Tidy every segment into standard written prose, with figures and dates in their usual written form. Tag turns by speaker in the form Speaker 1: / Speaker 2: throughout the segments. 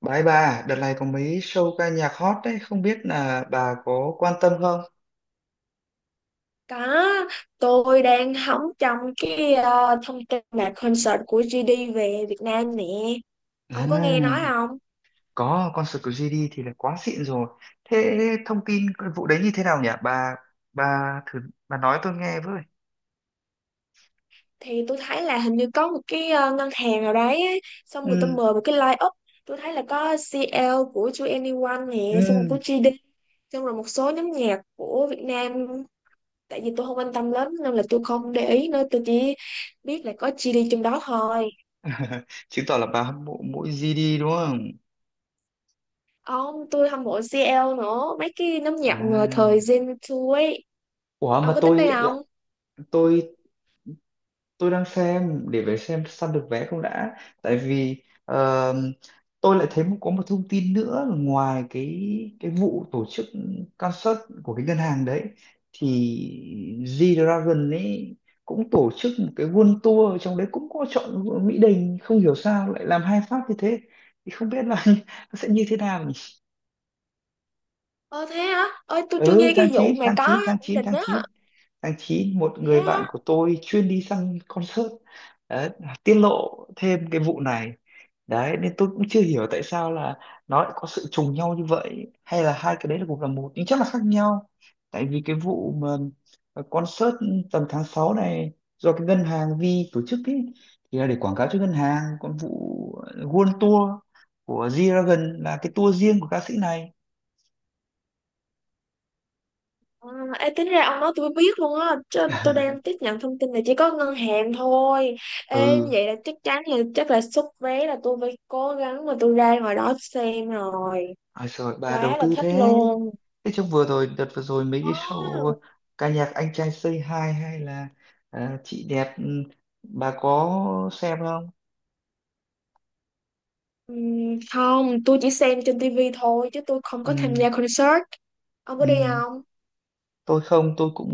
Speaker 1: Bái bà, đợt này có mấy show ca nhạc hot đấy, không biết là bà có quan tâm không?
Speaker 2: Có, tôi đang hóng trong cái thông tin mà concert của GD về Việt Nam nè.
Speaker 1: À,
Speaker 2: Ông có nghe nói không?
Speaker 1: có, concert của GD thì là quá xịn rồi. Thế thông tin cái vụ đấy như thế nào nhỉ? Bà thử bà nói tôi nghe với.
Speaker 2: Thì tôi thấy là hình như có một cái ngân hàng nào đấy ấy, xong người ta
Speaker 1: Ừ,
Speaker 2: mời một cái line-up. Tôi thấy là có CL của 2NE1 nè, xong rồi
Speaker 1: ừ.
Speaker 2: của GD, xong rồi một số nhóm nhạc của Việt Nam. Tại vì tôi không quan tâm lắm nên là tôi không để ý nữa, tôi chỉ biết là có GD trong đó thôi.
Speaker 1: Chứng tỏ là bà hâm mộ mỗi GD đúng không?
Speaker 2: Ông, tôi hâm mộ CL nữa, mấy cái nhóm nhạc mà thời
Speaker 1: À.
Speaker 2: Gen 2 ấy.
Speaker 1: Ủa
Speaker 2: Ông
Speaker 1: mà
Speaker 2: có tính đi
Speaker 1: tôi lại
Speaker 2: không?
Speaker 1: tôi tôi đang xem để phải xem săn được vé không đã, tại vì tôi lại thấy có một thông tin nữa là ngoài cái vụ tổ chức concert của cái ngân hàng đấy, thì G-Dragon ấy cũng tổ chức một cái world tour, trong đấy cũng có chọn Mỹ Đình, không hiểu sao lại làm hai phát như thế, thì không biết là nó sẽ như thế nào.
Speaker 2: Ờ thế hả? Ơi, tôi chưa
Speaker 1: Ừ,
Speaker 2: nghe cái vụ mà có Mỹ Đình á.
Speaker 1: tháng 9 một
Speaker 2: Thế
Speaker 1: người
Speaker 2: hả?
Speaker 1: bạn của tôi chuyên đi sang concert đấy, tiết lộ thêm cái vụ này đấy, nên tôi cũng chưa hiểu tại sao là nó lại có sự trùng nhau như vậy, hay là hai cái đấy là cùng là một nhưng chắc là khác nhau. Tại vì cái vụ mà concert tầm tháng 6 này do cái ngân hàng Vi tổ chức ấy thì là để quảng cáo cho ngân hàng, còn vụ World Tour của G-Dragon là cái tour riêng của ca sĩ này.
Speaker 2: À, ê, tính ra ông nói tôi mới biết luôn á. Chứ tôi đang tiếp nhận thông tin là chỉ có ngân hàng thôi. Ê,
Speaker 1: Ừ.
Speaker 2: vậy là chắc chắn là chắc là xuất vé là tôi phải cố gắng mà tôi ra ngoài đó xem rồi.
Speaker 1: Ôi rồi bà đầu
Speaker 2: Quá là
Speaker 1: tư
Speaker 2: thích
Speaker 1: thế.
Speaker 2: luôn.
Speaker 1: Thế trong vừa rồi, đợt vừa rồi mấy cái show
Speaker 2: Ờ,
Speaker 1: ca nhạc anh trai Say Hi, hay là à, chị đẹp, ừ, bà có xem không?
Speaker 2: không, tôi chỉ xem trên tivi thôi chứ tôi không có tham
Speaker 1: Ừ,
Speaker 2: gia concert. Ông có đi
Speaker 1: ừ.
Speaker 2: không?
Speaker 1: Tôi không, tôi cũng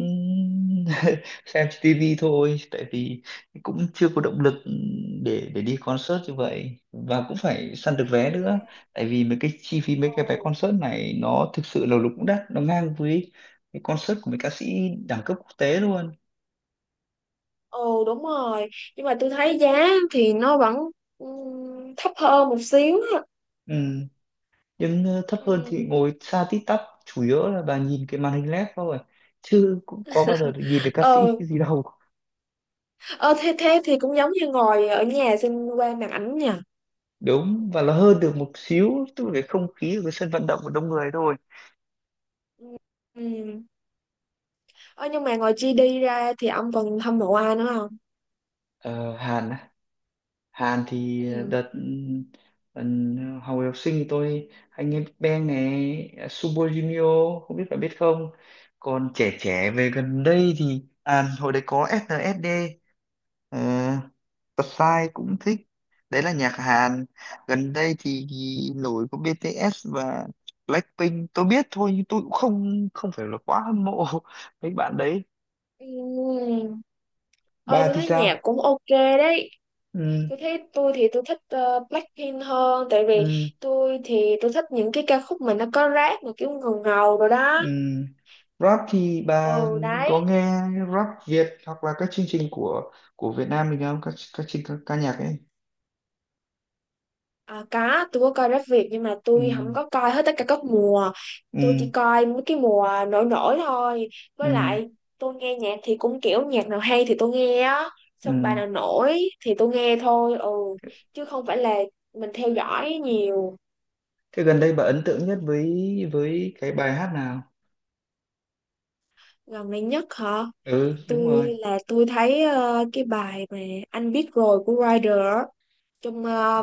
Speaker 1: xem trên TV thôi, tại vì cũng chưa có động lực, để đi concert như vậy và cũng phải săn được vé nữa. Tại vì mấy cái chi phí, mấy cái vé concert này nó thực sự là lúc cũng đắt, nó ngang với cái concert của mấy ca sĩ đẳng cấp quốc tế luôn.
Speaker 2: Ừ, đúng rồi, nhưng mà tôi thấy giá thì nó vẫn thấp hơn một xíu á.
Speaker 1: Ừ, nhưng thấp hơn thì
Speaker 2: Ừ.
Speaker 1: ngồi xa tít tắp, chủ yếu là bà nhìn cái màn hình led thôi, chứ cũng có bao giờ được nhìn được ca
Speaker 2: ờ
Speaker 1: sĩ gì đâu.
Speaker 2: ờ, thế thế thì cũng giống như ngồi ở nhà xem qua màn ảnh nha.
Speaker 1: Đúng, và nó hơn được một xíu tức là cái không khí của cái sân vận động, của đông người thôi.
Speaker 2: Ừ. Ừ. ờ nhưng mà ngoài GD ra thì ông còn hâm mộ ai nữa không?
Speaker 1: Ờ, Hàn á. Hàn thì
Speaker 2: Ừ.
Speaker 1: đợt học học sinh thì tôi anh em Big Bang này, Super Junior, không biết bạn biết không, còn trẻ trẻ về gần đây thì à, hồi đấy có SNSD, Psy cũng thích, đấy là nhạc Hàn. Gần đây thì nổi có BTS và Blackpink tôi biết thôi, nhưng tôi cũng không không phải là quá hâm mộ mấy bạn đấy.
Speaker 2: Ừ. Ôi
Speaker 1: Bà
Speaker 2: tôi
Speaker 1: thì
Speaker 2: thấy
Speaker 1: sao?
Speaker 2: nhạc cũng ok đấy.
Speaker 1: Ừ,
Speaker 2: Tôi thấy tôi thì tôi thích Blackpink hơn. Tại vì
Speaker 1: ừ,
Speaker 2: tôi thích những cái ca khúc mà nó có rap mà kiểu ngầu ngầu rồi đó.
Speaker 1: ừ. Rap thì bà
Speaker 2: Ừ,
Speaker 1: có
Speaker 2: đấy.
Speaker 1: nghe rap Việt hoặc là các chương trình của Việt Nam mình không, các các chương ca, ca nhạc ấy?
Speaker 2: À, có, tôi có coi Rap Việt nhưng mà
Speaker 1: Ừ,
Speaker 2: tôi không có coi hết tất cả các mùa.
Speaker 1: ừ,
Speaker 2: Tôi chỉ coi mấy cái mùa nổi nổi thôi. Với
Speaker 1: ừ,
Speaker 2: lại tôi nghe nhạc thì cũng kiểu nhạc nào hay thì tôi nghe á.
Speaker 1: ừ.
Speaker 2: Xong bài nào nổi thì tôi nghe thôi. Ừ. Chứ không phải là mình theo dõi nhiều.
Speaker 1: Thế gần đây bà ấn tượng nhất với cái bài hát nào?
Speaker 2: Gần đây nhất hả?
Speaker 1: Ừ đúng
Speaker 2: tôi
Speaker 1: rồi.
Speaker 2: là tôi thấy cái bài mà anh biết rồi của Rider á, trong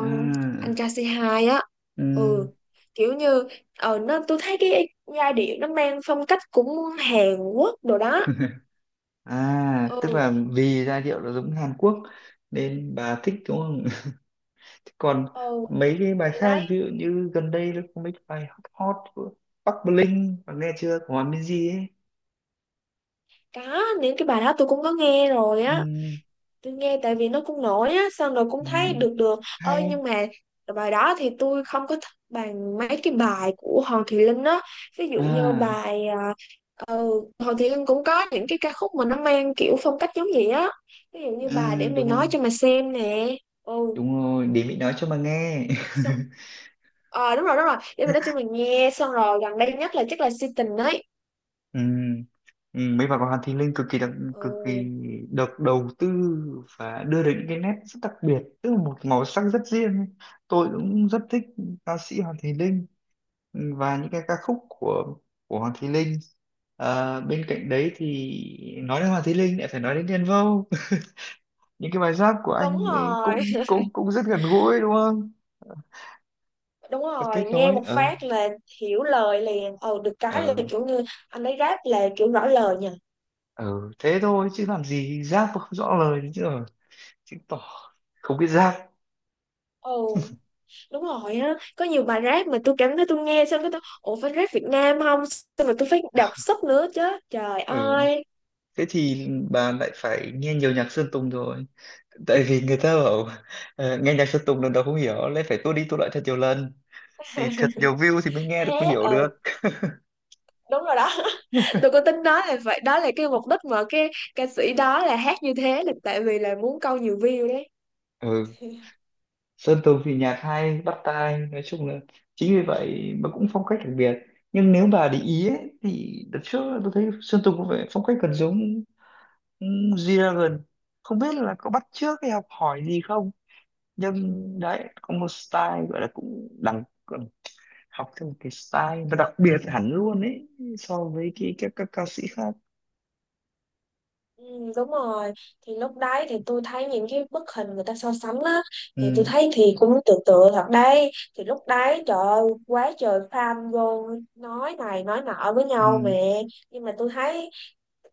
Speaker 2: anh
Speaker 1: À.
Speaker 2: kc hai á. Ừ,
Speaker 1: Ừm.
Speaker 2: kiểu như nó tôi thấy cái giai điệu nó mang phong cách cũng Hàn Quốc đồ đó.
Speaker 1: À, tức
Speaker 2: ừ
Speaker 1: là vì giai điệu nó giống Hàn Quốc nên bà thích đúng không? Thế còn
Speaker 2: ừ
Speaker 1: mấy cái bài
Speaker 2: thì
Speaker 1: khác,
Speaker 2: đấy,
Speaker 1: ví dụ như gần đây nó có mấy cái bài hot hot của Bắc Bling, bà nghe chưa, của Hòa Minzy ấy.
Speaker 2: có những cái bài đó tôi cũng có nghe rồi á.
Speaker 1: Ừm,
Speaker 2: Tôi nghe tại vì nó cũng nổi á, xong rồi cũng thấy
Speaker 1: ừm,
Speaker 2: được được ơi,
Speaker 1: hay.
Speaker 2: nhưng mà bài đó thì tôi không có thích bằng mấy cái bài của Hoàng Thùy Linh á, ví dụ như
Speaker 1: À,
Speaker 2: bài Ừ, Hoàng Thị Linh cũng có những cái ca khúc mà nó mang kiểu phong cách giống vậy á, ví dụ như bà để
Speaker 1: à,
Speaker 2: mày nói cho mà xem nè. Ừ,
Speaker 1: đúng rồi, để mình nói cho bà nghe.
Speaker 2: xong đúng rồi để mày nói cho mình nghe, xong rồi gần đây nhất là chắc là si tình ấy.
Speaker 1: Ừ. Ừ, mấy bà con Hàn Thi Linh cực kỳ đặc, cực kỳ
Speaker 2: Ừ,
Speaker 1: được đầu tư và đưa đến những cái nét rất đặc biệt, tức là một màu sắc rất riêng ấy. Tôi cũng rất thích ca sĩ Hoàng Thùy Linh, ừ, và những cái ca khúc của Hoàng Thùy Linh. Ờ, bên cạnh đấy thì nói đến Hoàng Thùy Linh lại phải nói đến Đen Vâu. Những cái bài rap của
Speaker 2: đúng
Speaker 1: anh ấy
Speaker 2: rồi.
Speaker 1: cũng cũng cũng rất gần gũi đúng không,
Speaker 2: đúng
Speaker 1: và
Speaker 2: rồi,
Speaker 1: kết
Speaker 2: nghe
Speaker 1: nối.
Speaker 2: một
Speaker 1: Ờ,
Speaker 2: phát là hiểu lời liền. Ừ, được cái là
Speaker 1: ờ,
Speaker 2: kiểu như anh ấy rap là kiểu rõ lời nha.
Speaker 1: ờ, thế thôi chứ làm gì rap mà không rõ lời nữa chứ, rồi chứng tỏ không biết rap.
Speaker 2: Ừ, đúng rồi á, có nhiều bài rap mà tôi cảm thấy tôi nghe xong cái tôi ủa phải rap Việt Nam không, xong rồi tôi phải đọc sub nữa chứ, trời
Speaker 1: Ừ.
Speaker 2: ơi.
Speaker 1: Thế thì bà lại phải nghe nhiều nhạc Sơn Tùng rồi. Tại vì người ta bảo nghe nhạc Sơn Tùng lần đầu không hiểu, lấy phải tua đi tua lại thật nhiều lần, thì thật nhiều view thì mới nghe được, mới
Speaker 2: thế
Speaker 1: hiểu
Speaker 2: ừ,
Speaker 1: được.
Speaker 2: đúng rồi đó. tôi có tính nói là vậy đó là cái mục đích mà cái ca sĩ đó là hát như thế là tại vì là muốn câu nhiều view đấy.
Speaker 1: Ừ. Sơn Tùng thì nhạc hay, bắt tai. Nói chung là chính vì vậy mà cũng phong cách đặc biệt. Nhưng nếu bà để ý ấy, thì đợt trước tôi thấy Sơn Tùng có vẻ phong cách gần giống, ừ, G-Dragon. Không biết là có bắt chước hay học hỏi gì không, nhưng đấy, có một style gọi là cũng đẳng, học theo một cái style và đặc biệt hẳn luôn ấy so với cái các ca sĩ khác.
Speaker 2: Ừ, đúng rồi. Thì lúc đấy thì tôi thấy những cái bức hình người ta so sánh á, thì tôi
Speaker 1: Ừ,
Speaker 2: thấy thì cũng tự tự thật đấy. Thì lúc đấy trời ơi, quá trời fan vô, nói này nói nọ với nhau
Speaker 1: ừ,
Speaker 2: mẹ, nhưng mà tôi thấy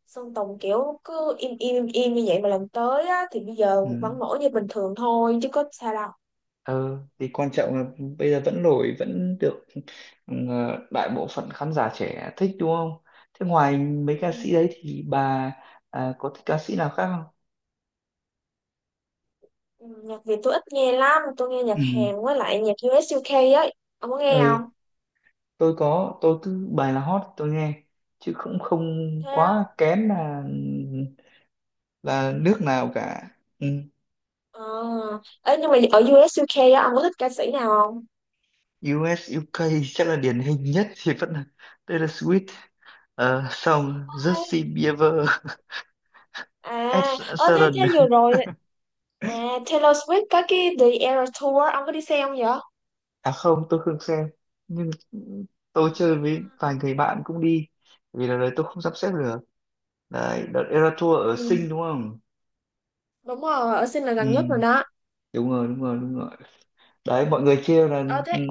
Speaker 2: Sơn Tùng kiểu cứ im im im im như vậy mà lần tới á thì bây giờ
Speaker 1: ừ.
Speaker 2: vẫn nổi như bình thường thôi chứ có sao đâu.
Speaker 1: Ờ thì quan trọng là bây giờ vẫn nổi vẫn được, ừ, đại bộ phận khán giả trẻ thích đúng không? Thế ngoài mấy ca
Speaker 2: Ừ.
Speaker 1: sĩ đấy thì bà à, có thích ca sĩ nào khác không?
Speaker 2: Ừ, nhạc Việt tôi ít nghe lắm, tôi nghe nhạc
Speaker 1: Ừ,
Speaker 2: Hàn với lại nhạc U.S. u UK ấy. Ông có nghe
Speaker 1: ừ,
Speaker 2: không?
Speaker 1: tôi có, tôi cứ bài là hot tôi nghe, chứ cũng không
Speaker 2: Thế á?
Speaker 1: quá kén là nước nào cả. Ừ.
Speaker 2: Ờ. Ấy nhưng mà ở U.S. u UK á, ông có thích ca sĩ nào không?
Speaker 1: U.S. u UK chắc là điển hình nhất thì vẫn là Taylor Swift. Ờ, xong
Speaker 2: Ai?
Speaker 1: Justin Bieber, Ed
Speaker 2: À, ờ thế
Speaker 1: Sheeran.
Speaker 2: thế vừa rồi, à, Taylor Swift có cái The Eras Tour, ông có đi xem không vậy?
Speaker 1: À không, tôi không xem, nhưng tôi chơi với
Speaker 2: À.
Speaker 1: vài người bạn cũng đi, vì là đấy tôi không sắp xếp được. Đấy đợt Era Tour ở
Speaker 2: Ừ,
Speaker 1: Sing đúng không?
Speaker 2: đúng rồi, ở sinh là gần nhất rồi
Speaker 1: Ừ,
Speaker 2: đó.
Speaker 1: đúng rồi đúng rồi đúng rồi. Đấy mọi người kêu là,
Speaker 2: Ờ
Speaker 1: ừ,
Speaker 2: thế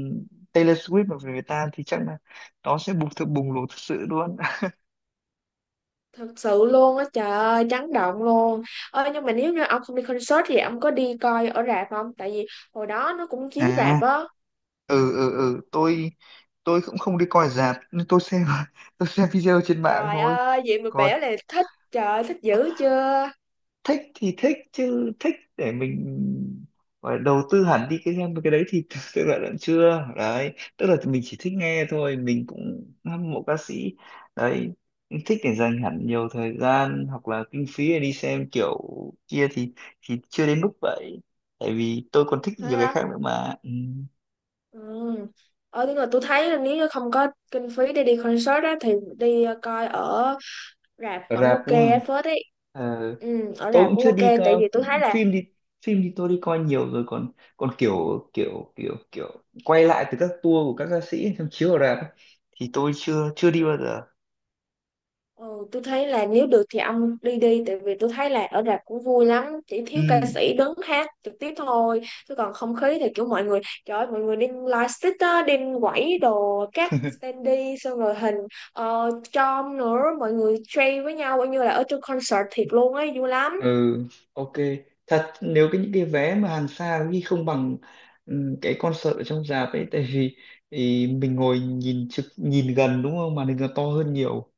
Speaker 1: Taylor Swift mà về Việt Nam thì chắc là nó sẽ bùng, thực bùng nổ thực sự luôn.
Speaker 2: thật sự luôn á, trời ơi, chấn động luôn. Ờ nhưng mà nếu như ông không đi concert thì ông có đi coi ở rạp không? Tại vì hồi đó nó cũng chiếu
Speaker 1: À,
Speaker 2: rạp á.
Speaker 1: ừ, ừ, ừ, tôi cũng không đi coi rạp nhưng tôi xem, tôi xem video trên mạng
Speaker 2: Trời
Speaker 1: thôi.
Speaker 2: ơi, diện được
Speaker 1: Còn
Speaker 2: bẻ này thích, trời ơi, thích dữ chưa?
Speaker 1: thích thì thích, chứ thích để mình gọi là đầu tư hẳn đi cái game cái đấy thì tôi lại vẫn chưa. Đấy tức là mình chỉ thích nghe thôi, mình cũng hâm mộ ca sĩ đấy, thích để dành hẳn nhiều thời gian hoặc là kinh phí để đi xem kiểu kia thì chưa đến mức vậy. Tại vì tôi còn thích
Speaker 2: Thấy
Speaker 1: nhiều cái
Speaker 2: không?
Speaker 1: khác nữa mà, ừ.
Speaker 2: Ừ. Ờ, tức là tôi thấy là nếu như không có kinh phí để đi concert á, thì đi coi ở rạp vẫn
Speaker 1: Rạp
Speaker 2: ok
Speaker 1: đúng
Speaker 2: á,
Speaker 1: không,
Speaker 2: phết ấy. Ừ, ở
Speaker 1: tôi
Speaker 2: rạp
Speaker 1: cũng
Speaker 2: cũng
Speaker 1: chưa
Speaker 2: ok,
Speaker 1: đi
Speaker 2: tại
Speaker 1: coi
Speaker 2: vì tôi thấy là
Speaker 1: phim đi, phim thì tôi đi coi nhiều rồi, còn còn kiểu kiểu kiểu kiểu quay lại từ các tour của các ca sĩ trong chiếu ở rạp ấy, thì tôi chưa chưa đi bao giờ.
Speaker 2: ừ, tôi thấy là nếu được thì ông đi đi, tại vì tôi thấy là ở rạp cũng vui lắm, chỉ thiếu ca
Speaker 1: Ừ.
Speaker 2: sĩ đứng hát trực tiếp thôi, chứ còn không khí thì kiểu mọi người trời ơi, mọi người đem lightstick á, đem quẩy đồ các standee, xong rồi hình chom nữa, mọi người trade với nhau coi như là ở trong concert thiệt luôn ấy, vui lắm.
Speaker 1: Ừ, ok. Thật nếu cái những cái vé mà hàng xa có khi không bằng, ừ, cái concert ở trong rạp ấy, tại vì thì mình ngồi nhìn trực, nhìn gần đúng không, màn hình nó to hơn nhiều,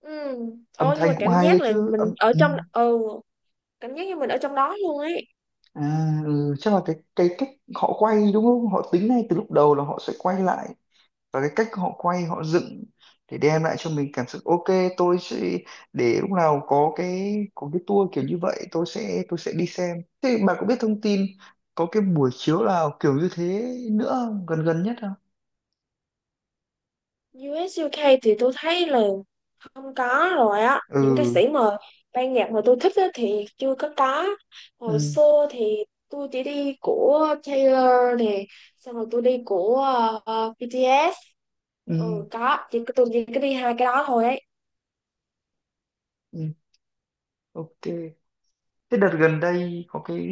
Speaker 2: Ừ.
Speaker 1: âm
Speaker 2: Ồ, nhưng
Speaker 1: thanh
Speaker 2: mà
Speaker 1: cũng
Speaker 2: cảm
Speaker 1: hay ấy
Speaker 2: giác là
Speaker 1: chứ
Speaker 2: mình
Speaker 1: âm,
Speaker 2: ở
Speaker 1: ừ.
Speaker 2: trong, ừ, cảm giác như mình ở trong đó luôn ấy.
Speaker 1: À, ừ, chắc là cái cách họ quay đúng không? Họ tính ngay từ lúc đầu là họ sẽ quay lại, và cái cách họ quay họ dựng để đem lại cho mình cảm xúc. Ok, tôi sẽ, để lúc nào có có cái tour kiểu như vậy tôi sẽ đi xem. Thế bà có biết thông tin có cái buổi chiếu nào kiểu như thế nữa không? Gần gần nhất không?
Speaker 2: U ét u UK thì tôi thấy là không có rồi á, những ca
Speaker 1: Ừ,
Speaker 2: sĩ mà ban nhạc mà tôi thích á, thì chưa có. Hồi
Speaker 1: ừ,
Speaker 2: xưa thì tôi chỉ đi của Taylor nè, xong rồi tôi đi của BTS.
Speaker 1: ừ,
Speaker 2: Ừ có, chỉ tôi chỉ có đi hai cái đó thôi ấy.
Speaker 1: ừ, ok. Thế đợt gần đây có cái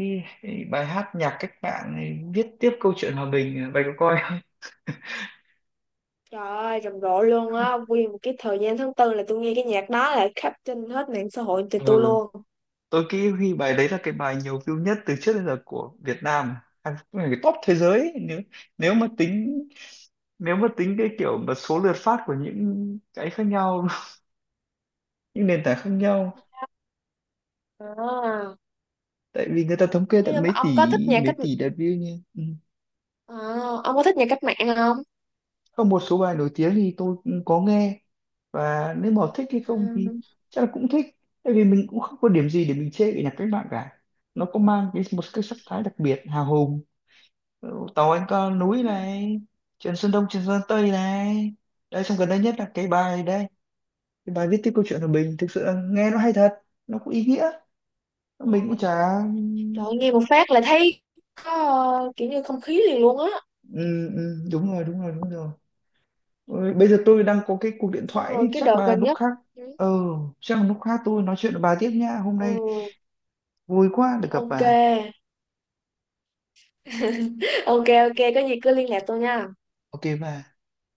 Speaker 1: bài hát nhạc cách mạng này, viết tiếp câu chuyện hòa bình, bà có coi không?
Speaker 2: Trời ơi rầm rộ luôn á, nguyên một cái thời gian tháng 4 là tôi nghe cái nhạc đó là khắp trên hết mạng xã hội thì tôi
Speaker 1: Ừ.
Speaker 2: luôn.
Speaker 1: Tôi nghĩ huy bài đấy là cái bài nhiều view nhất từ trước đến giờ của Việt Nam, à, cái top thế giới ấy. Nếu, nếu mà tính nếu mà tính cái kiểu mà số lượt phát của những cái khác nhau, những nền tảng khác nhau,
Speaker 2: À.
Speaker 1: tại vì người ta thống kê tận
Speaker 2: nhưng mà
Speaker 1: mấy tỷ,
Speaker 2: ông có thích nhạc
Speaker 1: mấy
Speaker 2: cách
Speaker 1: tỷ lượt view nha. Ừ.
Speaker 2: À, ông có thích nhạc cách mạng không?
Speaker 1: Có một số bài nổi tiếng thì tôi cũng có nghe, và nếu mà thích hay không thì
Speaker 2: Ừ,
Speaker 1: chắc là cũng thích, tại vì mình cũng không có điểm gì để mình chê cái nhạc cách mạng cả. Nó có mang cái một cái sắc thái đặc biệt, hào hùng. Tàu anh có núi
Speaker 2: đúng rồi.
Speaker 1: này, chuyện Sơn Đông chuyện Sơn Tây này đây, xong gần đây nhất là cái bài đây, cái bài viết tiếp câu chuyện của mình thực sự là nghe nó hay thật, nó cũng ý nghĩa, mình cũng
Speaker 2: Đúng.
Speaker 1: chả.
Speaker 2: Trời ơi, nghe một phát là thấy có kiểu như không khí liền luôn á.
Speaker 1: Ừ, ừ, đúng rồi đúng rồi đúng rồi. Ôi, bây giờ tôi đang có cái cuộc điện
Speaker 2: Xong
Speaker 1: thoại ấy,
Speaker 2: rồi cái
Speaker 1: chắc
Speaker 2: đợt
Speaker 1: là
Speaker 2: gần
Speaker 1: lúc
Speaker 2: nhất.
Speaker 1: khác. Ừ, chắc là lúc khác tôi nói chuyện với bà tiếp nhá, hôm
Speaker 2: Ừ,
Speaker 1: nay vui quá được gặp
Speaker 2: ok.
Speaker 1: bà.
Speaker 2: Ok, ok, có gì cứ liên lạc tôi nha.
Speaker 1: Ok bà.